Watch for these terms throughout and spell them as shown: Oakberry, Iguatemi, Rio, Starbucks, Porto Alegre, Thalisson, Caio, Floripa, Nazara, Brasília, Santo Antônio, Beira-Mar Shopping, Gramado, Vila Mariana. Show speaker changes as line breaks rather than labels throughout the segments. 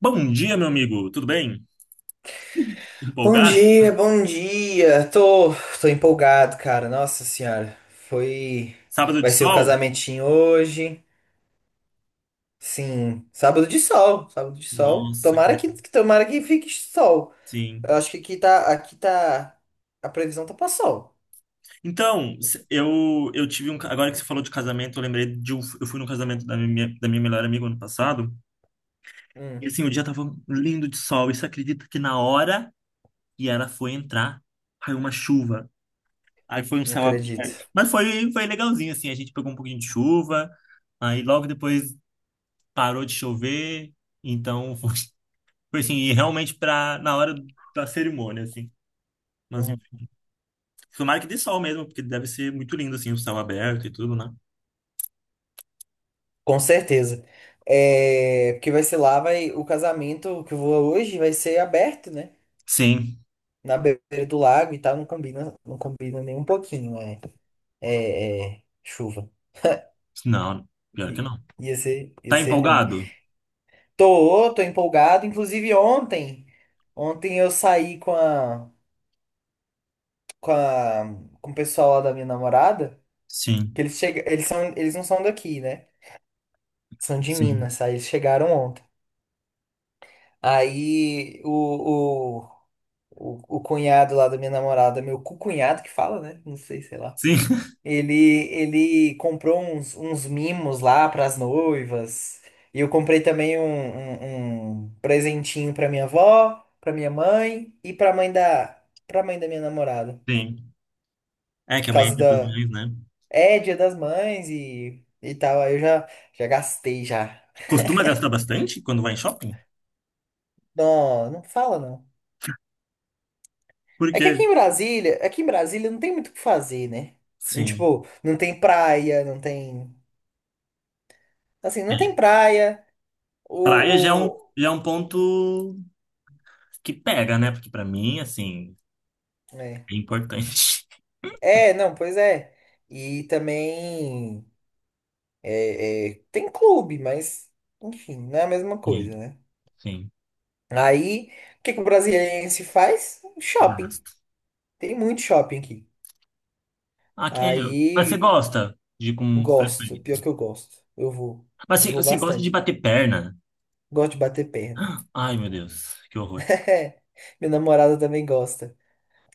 Bom dia, meu amigo. Tudo bem?
Bom
Empolgado?
dia, bom dia. Tô empolgado, cara. Nossa senhora, foi,
Sábado de
vai ser o
sol?
casamentinho hoje. Sim, sábado de sol, sábado de sol.
Nossa, que
Tomara que,
delícia.
que- tomara que fique sol.
Sim.
Eu acho que a previsão tá pra sol.
Então, eu tive agora que você falou de casamento, eu lembrei de eu fui no casamento da minha melhor amiga ano passado, e
Hum,
assim, o dia tava lindo de sol, e você acredita que na hora que ela foi entrar, caiu uma chuva. Aí foi um
não
céu aberto.
acredito.
Mas foi legalzinho assim, a gente pegou um pouquinho de chuva, aí logo depois parou de chover, então foi assim, e realmente pra, na hora da cerimônia, assim. Mas enfim,
Uhum.
tomara que dê sol mesmo, porque deve ser muito lindo, assim, o céu aberto e tudo, né?
Com certeza. É, porque vai ser lá, o casamento que eu vou hoje vai ser aberto, né?
Sim.
Na beira do lago e tal, não combina, não combina nem um pouquinho, né? É, chuva.
Não, pior que
I-
não.
Ia ser, ia
Tá
ser ruim.
empolgado?
Tô empolgado. Inclusive ontem eu saí com a, com o pessoal lá da minha namorada, que
Sim.
eles chega, eles são, eles não são daqui, né? São de
Sim.
Minas, aí eles chegaram ontem. Aí o, o cunhado lá da minha namorada, meu co-cunhado que fala, né? Não sei, sei lá.
Sim.
Ele, ele comprou uns mimos lá para as noivas. E eu comprei também um presentinho para minha avó, para minha mãe e para mãe da minha namorada.
Sim. É
Por
que amanhã é
causa
Dia das
da,
Mães, né?
é Dia das Mães e tal. Aí eu já gastei já.
Costuma gastar bastante quando vai em shopping?
Não, não fala não. É que aqui
Porque,
em Brasília, aqui em Brasília não tem muito o que fazer, né?
sim.
Tipo, não tem praia, não
É.
tem praia.
Praia
O,
já é um ponto que pega, né? Porque pra mim, assim,
é.
é importante.
É, não, pois é. E também tem clube, mas enfim, não é a mesma
Sim,
coisa, né?
sim.
Aí, o que que o brasiliense faz? Shopping.
Gasto.
Tem muito shopping aqui.
Ah, é, mas você
Aí,
gosta de ir com
gosto. Pior
frequência?
que eu gosto. Eu vou.
Mas
Eu
se
vou
você gosta de
bastante.
bater perna?
Gosto de bater perna.
Ai, meu Deus, que horror.
É, minha namorada também gosta.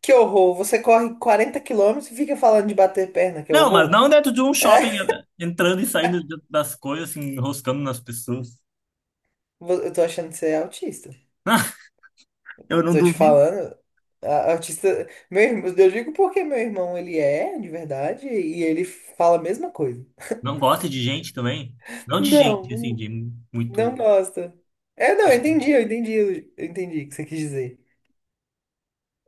Que horror! Você corre 40 km e fica falando de bater perna, que
Não, mas
horror!
não dentro de um shopping, entrando e saindo das coisas, assim, enroscando nas pessoas.
Eu tô achando que você é autista.
Eu não
Tô te
duvido.
falando, a artista. Meu irmão, eu digo porque meu irmão ele é de verdade e ele fala a mesma coisa.
Não gosta de gente também? Não de
Não,
gente, assim,
não
de
não
muito.
gosta. É, não, eu
Assim.
entendi, eu entendi, eu entendi o que você quis dizer.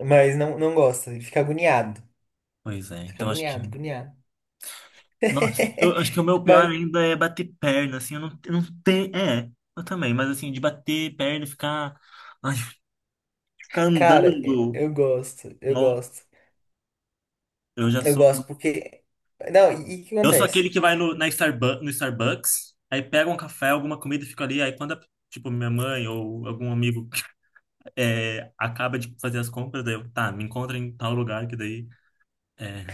Mas não, não gosta, ele fica agoniado.
Pois é,
Fica
então acho que.
agoniado, agoniado.
Nossa, eu acho que o meu pior
Mas,
ainda é bater perna, assim, eu não tenho. É, eu também, mas assim, de bater perna e ficar. Ai, ficar
cara,
andando.
eu gosto, eu
No,
gosto.
eu já
Eu
sou.
gosto porque. Não, e o que
Eu sou aquele
acontece?
que vai na Starbu no Starbucks, aí pega um café, alguma comida e fica ali. Aí quando, tipo, minha mãe ou algum amigo é, acaba de fazer as compras, daí eu, tá, me encontra em tal lugar, que daí é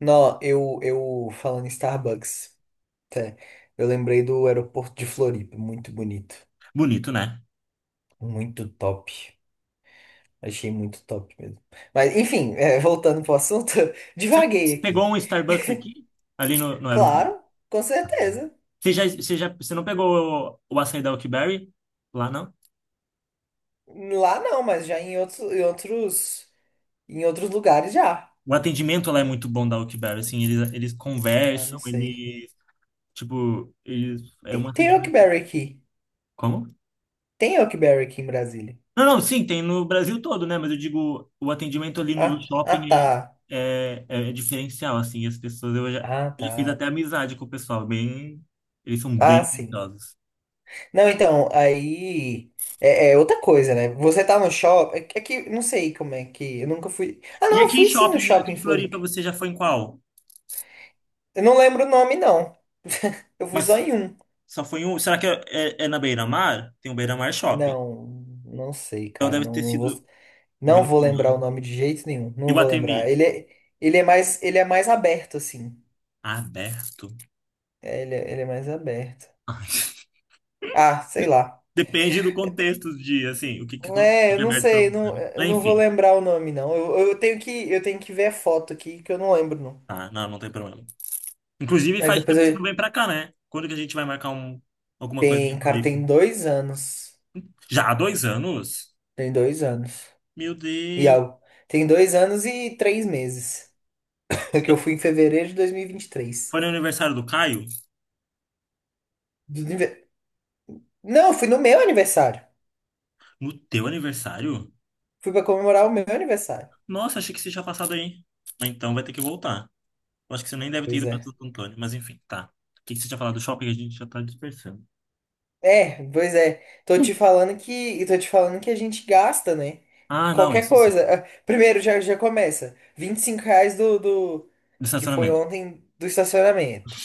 Não, eu falando em Starbucks, até, eu lembrei do aeroporto de Floripa, muito bonito.
bonito, né?
Muito top. Achei muito top mesmo. Mas, enfim, voltando pro assunto,
Você
divaguei
você pegou
aqui.
um Starbucks aqui, ali no aeroporto?
Claro, com certeza.
Você não pegou o açaí da Oakberry lá, não?
Lá não, mas já em outros lugares já.
O atendimento lá é muito bom da Oakberry, assim, eles
Ah,
conversam,
não sei.
tipo, eles, é um
Tem
atendimento...
Oakberry aqui.
Como?
Tem Oakberry aqui em Brasília.
Não, não, sim, tem no Brasil todo, né? Mas eu digo, o atendimento ali no
Ah, tá.
shopping é, é, é diferencial, assim. As pessoas,
Ah,
eu já fiz
tá.
até amizade com o pessoal, bem, eles são
Ah,
bem
sim.
atenciosos.
Não, então, aí é outra coisa, né? Você tá no shopping. É que não sei como é que. Eu nunca fui. Ah,
E
não,
aqui em
fui sim no
shopping, aqui
shopping em
em
Floripa.
Floripa, você já foi em qual?
Eu não lembro o nome, não. Eu fui só
Mas
em um.
só foi em um, será que é, é, é na Beira-Mar? Tem um Beira-Mar Shopping.
Não, não sei,
Então
cara.
deve
Não,
ter
não
sido
vou,
o
não
Vila
vou lembrar o
Mariana.
nome de jeito nenhum. Não vou
Iguatemi,
lembrar. Ele é mais aberto, assim.
aberto?
É, ele é mais aberto.
Ai,
Ah, sei lá.
depende do contexto de, assim, o
É, eu
que é
não
aberto pra
sei,
você,
não,
né?
eu
Mas,
não vou
enfim,
lembrar o nome, não. Eu tenho que ver a foto aqui, que eu não lembro, não.
tá, não, não tem problema. Inclusive,
Mas
faz
depois
tempo que você não
eu...
vem pra cá, né? Quando que a gente vai marcar um, alguma coisa aqui em
Tem, cara,
Floripa?
tem dois anos.
Já há dois anos?
Tem dois anos.
Meu
E
Deus.
algo. Tem dois anos e três meses. Que eu fui em fevereiro de dois mil e vinte e
Foi
três.
no aniversário do Caio?
Do anive- Não, fui no meu aniversário.
No teu aniversário?
Fui pra comemorar o meu aniversário.
Nossa, achei que você tinha passado aí. Então vai ter que voltar. Eu acho que você nem deve ter
Pois
ido pra
é.
Santo Antônio, mas enfim, tá. O que que você tinha falado do shopping? A gente já tá dispersando.
É, pois é. Tô te falando que a gente gasta, né?
Ah, não,
Qualquer
isso sim.
coisa. Ah, primeiro já começa. 25 reais do
Do
que foi
estacionamento.
ontem do estacionamento.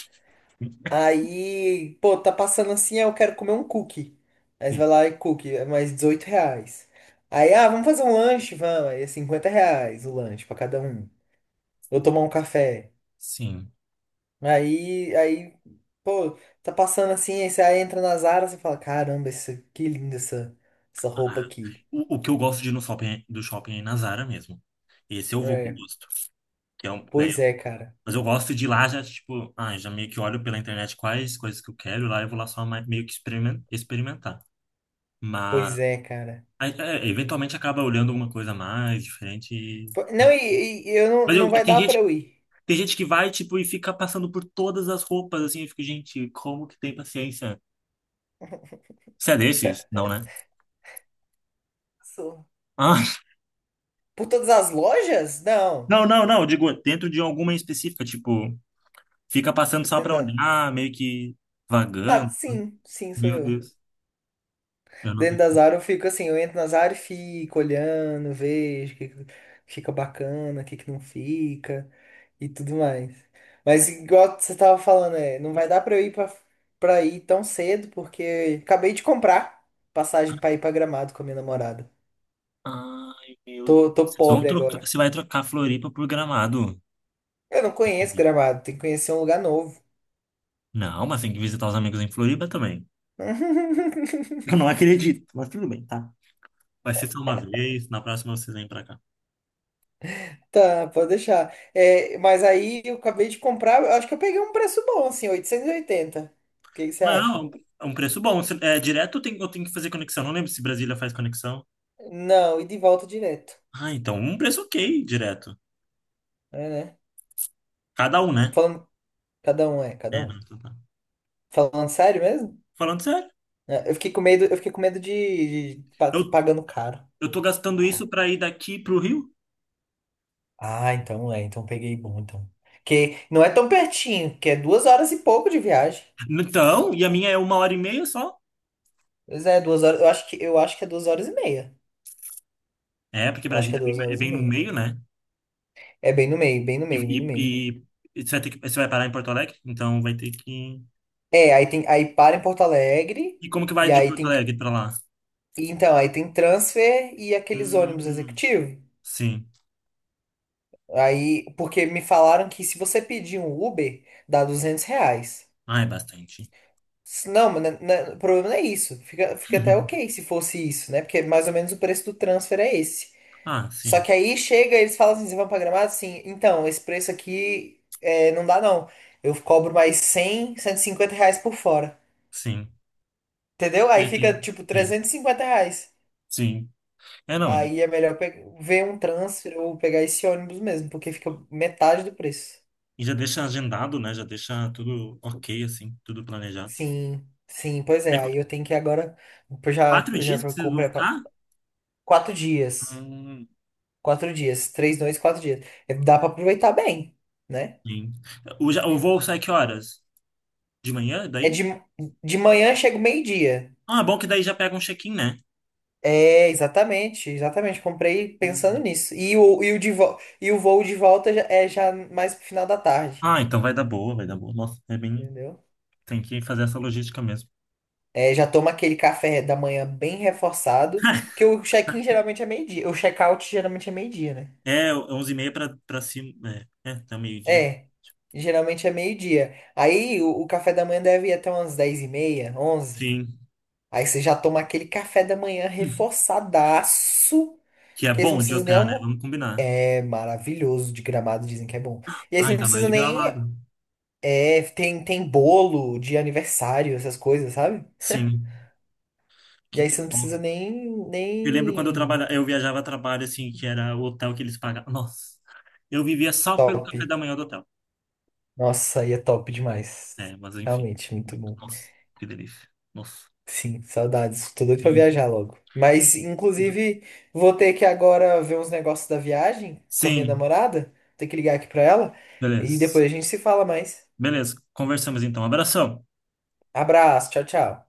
Aí, pô, tá passando assim, eu quero comer um cookie. Aí você
Sim.
vai lá e cookie, é mais 18 reais. Aí, ah, vamos fazer um lanche, vamos. Aí é R$ 50 o lanche pra cada um. Ou tomar um café.
Sim.
Aí, pô, tá passando assim, aí você aí entra na Zara, você fala, caramba, que linda essa
Ah,
roupa aqui.
o que eu gosto de ir no shopping, do shopping é em Nazara mesmo. Esse eu vou com
É,
gosto. Que é um, né.
pois é, cara.
Mas eu gosto de ir lá já, tipo, ah, já meio que olho pela internet quais coisas que eu quero, e lá eu vou lá só meio que experimentar. Mas
Pois é, cara.
aí, é, eventualmente acaba olhando alguma coisa mais diferente.
Não, e eu não,
Mas
não
eu,
vai dar pra eu ir.
tem gente que vai, tipo, e fica passando por todas as roupas, assim, eu fico, gente, como que tem paciência? Você é desses? Não, né?
Sou.
Ah,
Por todas as lojas? Não.
não, não, não, eu digo, dentro de alguma em específica, tipo, fica passando só
Dentro
pra
da...
olhar, meio que
Ah,
vagando.
sim, sim, sou
Meu
eu.
Deus, eu não.
Dentro das áreas eu fico assim, eu entro nas áreas e fico olhando, vejo o que que fica bacana, o que que não fica e tudo mais. Mas igual você tava falando, não vai dar pra eu ir pra, ir tão cedo, porque acabei de comprar passagem pra ir pra Gramado com a minha namorada.
Ai, meu Deus.
Tô
Vocês vão
pobre
trocar,
agora.
você vai trocar Floripa por Gramado. Não
Eu não conheço
acredito.
Gramado, tem que conhecer um lugar novo.
Não, mas tem que visitar os amigos em Floripa também. Eu não acredito, mas tudo bem, tá? Vai ser só uma vez, na próxima vocês vêm pra cá.
Tá, pode deixar. É, mas aí eu acabei de comprar, eu acho que eu peguei um preço bom, assim, 880. O que que você acha?
Não, é um preço bom. É direto ou tem, eu tenho que fazer conexão. Não lembro se Brasília faz conexão.
Não, e de volta direto.
Ah, então um preço ok, direto.
É, né?
Cada um, né?
Falando, cada um é, cada
É, não,
um.
então tá.
Falando sério mesmo?
Falando sério,
É, eu fiquei com medo de ter
eu,
pagando caro.
eu tô gastando isso pra ir daqui pro Rio?
Ah, então é, então peguei bom, então. Que não é tão pertinho, que é 2 horas e pouco de viagem.
Então, e a minha é uma hora e meia só?
Pois é, duas horas, eu acho que é 2 horas e meia.
É, porque
Eu acho que
Brasília
é duas
é
horas e
bem no
meia.
meio, né?
É bem no meio, bem no
E,
meio, bem no meio.
e, e- você vai ter que, você vai parar em Porto Alegre? Então vai ter que.
É, aí para em Porto Alegre,
E como que vai
e
de
aí
Porto
tem,
Alegre pra lá?
então, aí tem transfer e aqueles ônibus
Hum,
executivos.
sim.
Aí, porque me falaram que se você pedir um Uber, dá 200 reais.
Ah, é bastante.
Não, mas né, o problema não é isso. Fica até ok se fosse isso, né? Porque mais ou menos o preço do transfer é esse.
Ah,
Só
sim,
que aí chega, eles falam assim, vocês vão pra Gramado? Sim. Então, esse preço aqui não dá não. Eu cobro mais cem 150 reais por fora.
sim.
Entendeu?
É,
Aí fica
tem-
tipo
Sim,
350 reais.
sim. É, não.
Aí é melhor ver um transfer ou pegar esse ônibus mesmo, porque fica metade do preço.
E já deixa agendado, né? Já deixa tudo ok, assim, tudo planejado.
Sim, sim, pois
É
é. Aí eu tenho que agora. Eu Já,
4 dias que
já
vocês vão
comprei.
ficar?
4 dias.
Hum,
4 dias. 3 noites, 4 dias. É, dá pra aproveitar bem, né?
sim. O, o voo sai que horas? De manhã,
É
daí?
de manhã chega o meio-dia.
Ah, é bom que daí já pega um check-in, né?
É, exatamente, exatamente. Comprei pensando
Uhum.
nisso. E o voo de volta é já mais pro final da tarde,
Ah, então vai dar boa, vai dar boa. Nossa, é bem.
entendeu?
Tem que fazer essa logística mesmo.
É, já toma aquele café da manhã bem reforçado, que o check-in geralmente é meio-dia. O check-out geralmente é meio-dia, né?
É 11 e meia para cima, é, é, até meio-dia.
É, geralmente é meio-dia. Aí o café da manhã deve ir até umas 10 e meia, onze.
Sim.
Aí você já toma aquele café da manhã reforçadaço,
Que é
que aí você não
bom de
precisa nem
hotel, né?
almo...
Vamos combinar.
É maravilhoso, de Gramado dizem que é bom. E aí
Ah,
você não
ainda mais
precisa
de
nem...
Gramado.
É, tem bolo de aniversário, essas coisas, sabe?
Sim.
E
Que
aí você não precisa
nossa.
nem...
Eu lembro quando eu
Nem...
trabalhava, eu viajava a trabalho, assim, que era o hotel que eles pagavam. Nossa, eu vivia só pelo
Top.
café da manhã do hotel.
Nossa, aí é top demais.
É, mas enfim.
Realmente, muito bom.
Nossa, que delícia. Nossa.
Sim, saudades. Tô doido pra
Hum.
viajar logo. Mas, inclusive, vou ter que agora ver uns negócios da viagem com a minha
Sim,
namorada. Vou ter que ligar aqui pra ela. E
beleza.
depois a gente se fala mais.
Beleza, conversamos então. Abração.
Abraço, tchau, tchau.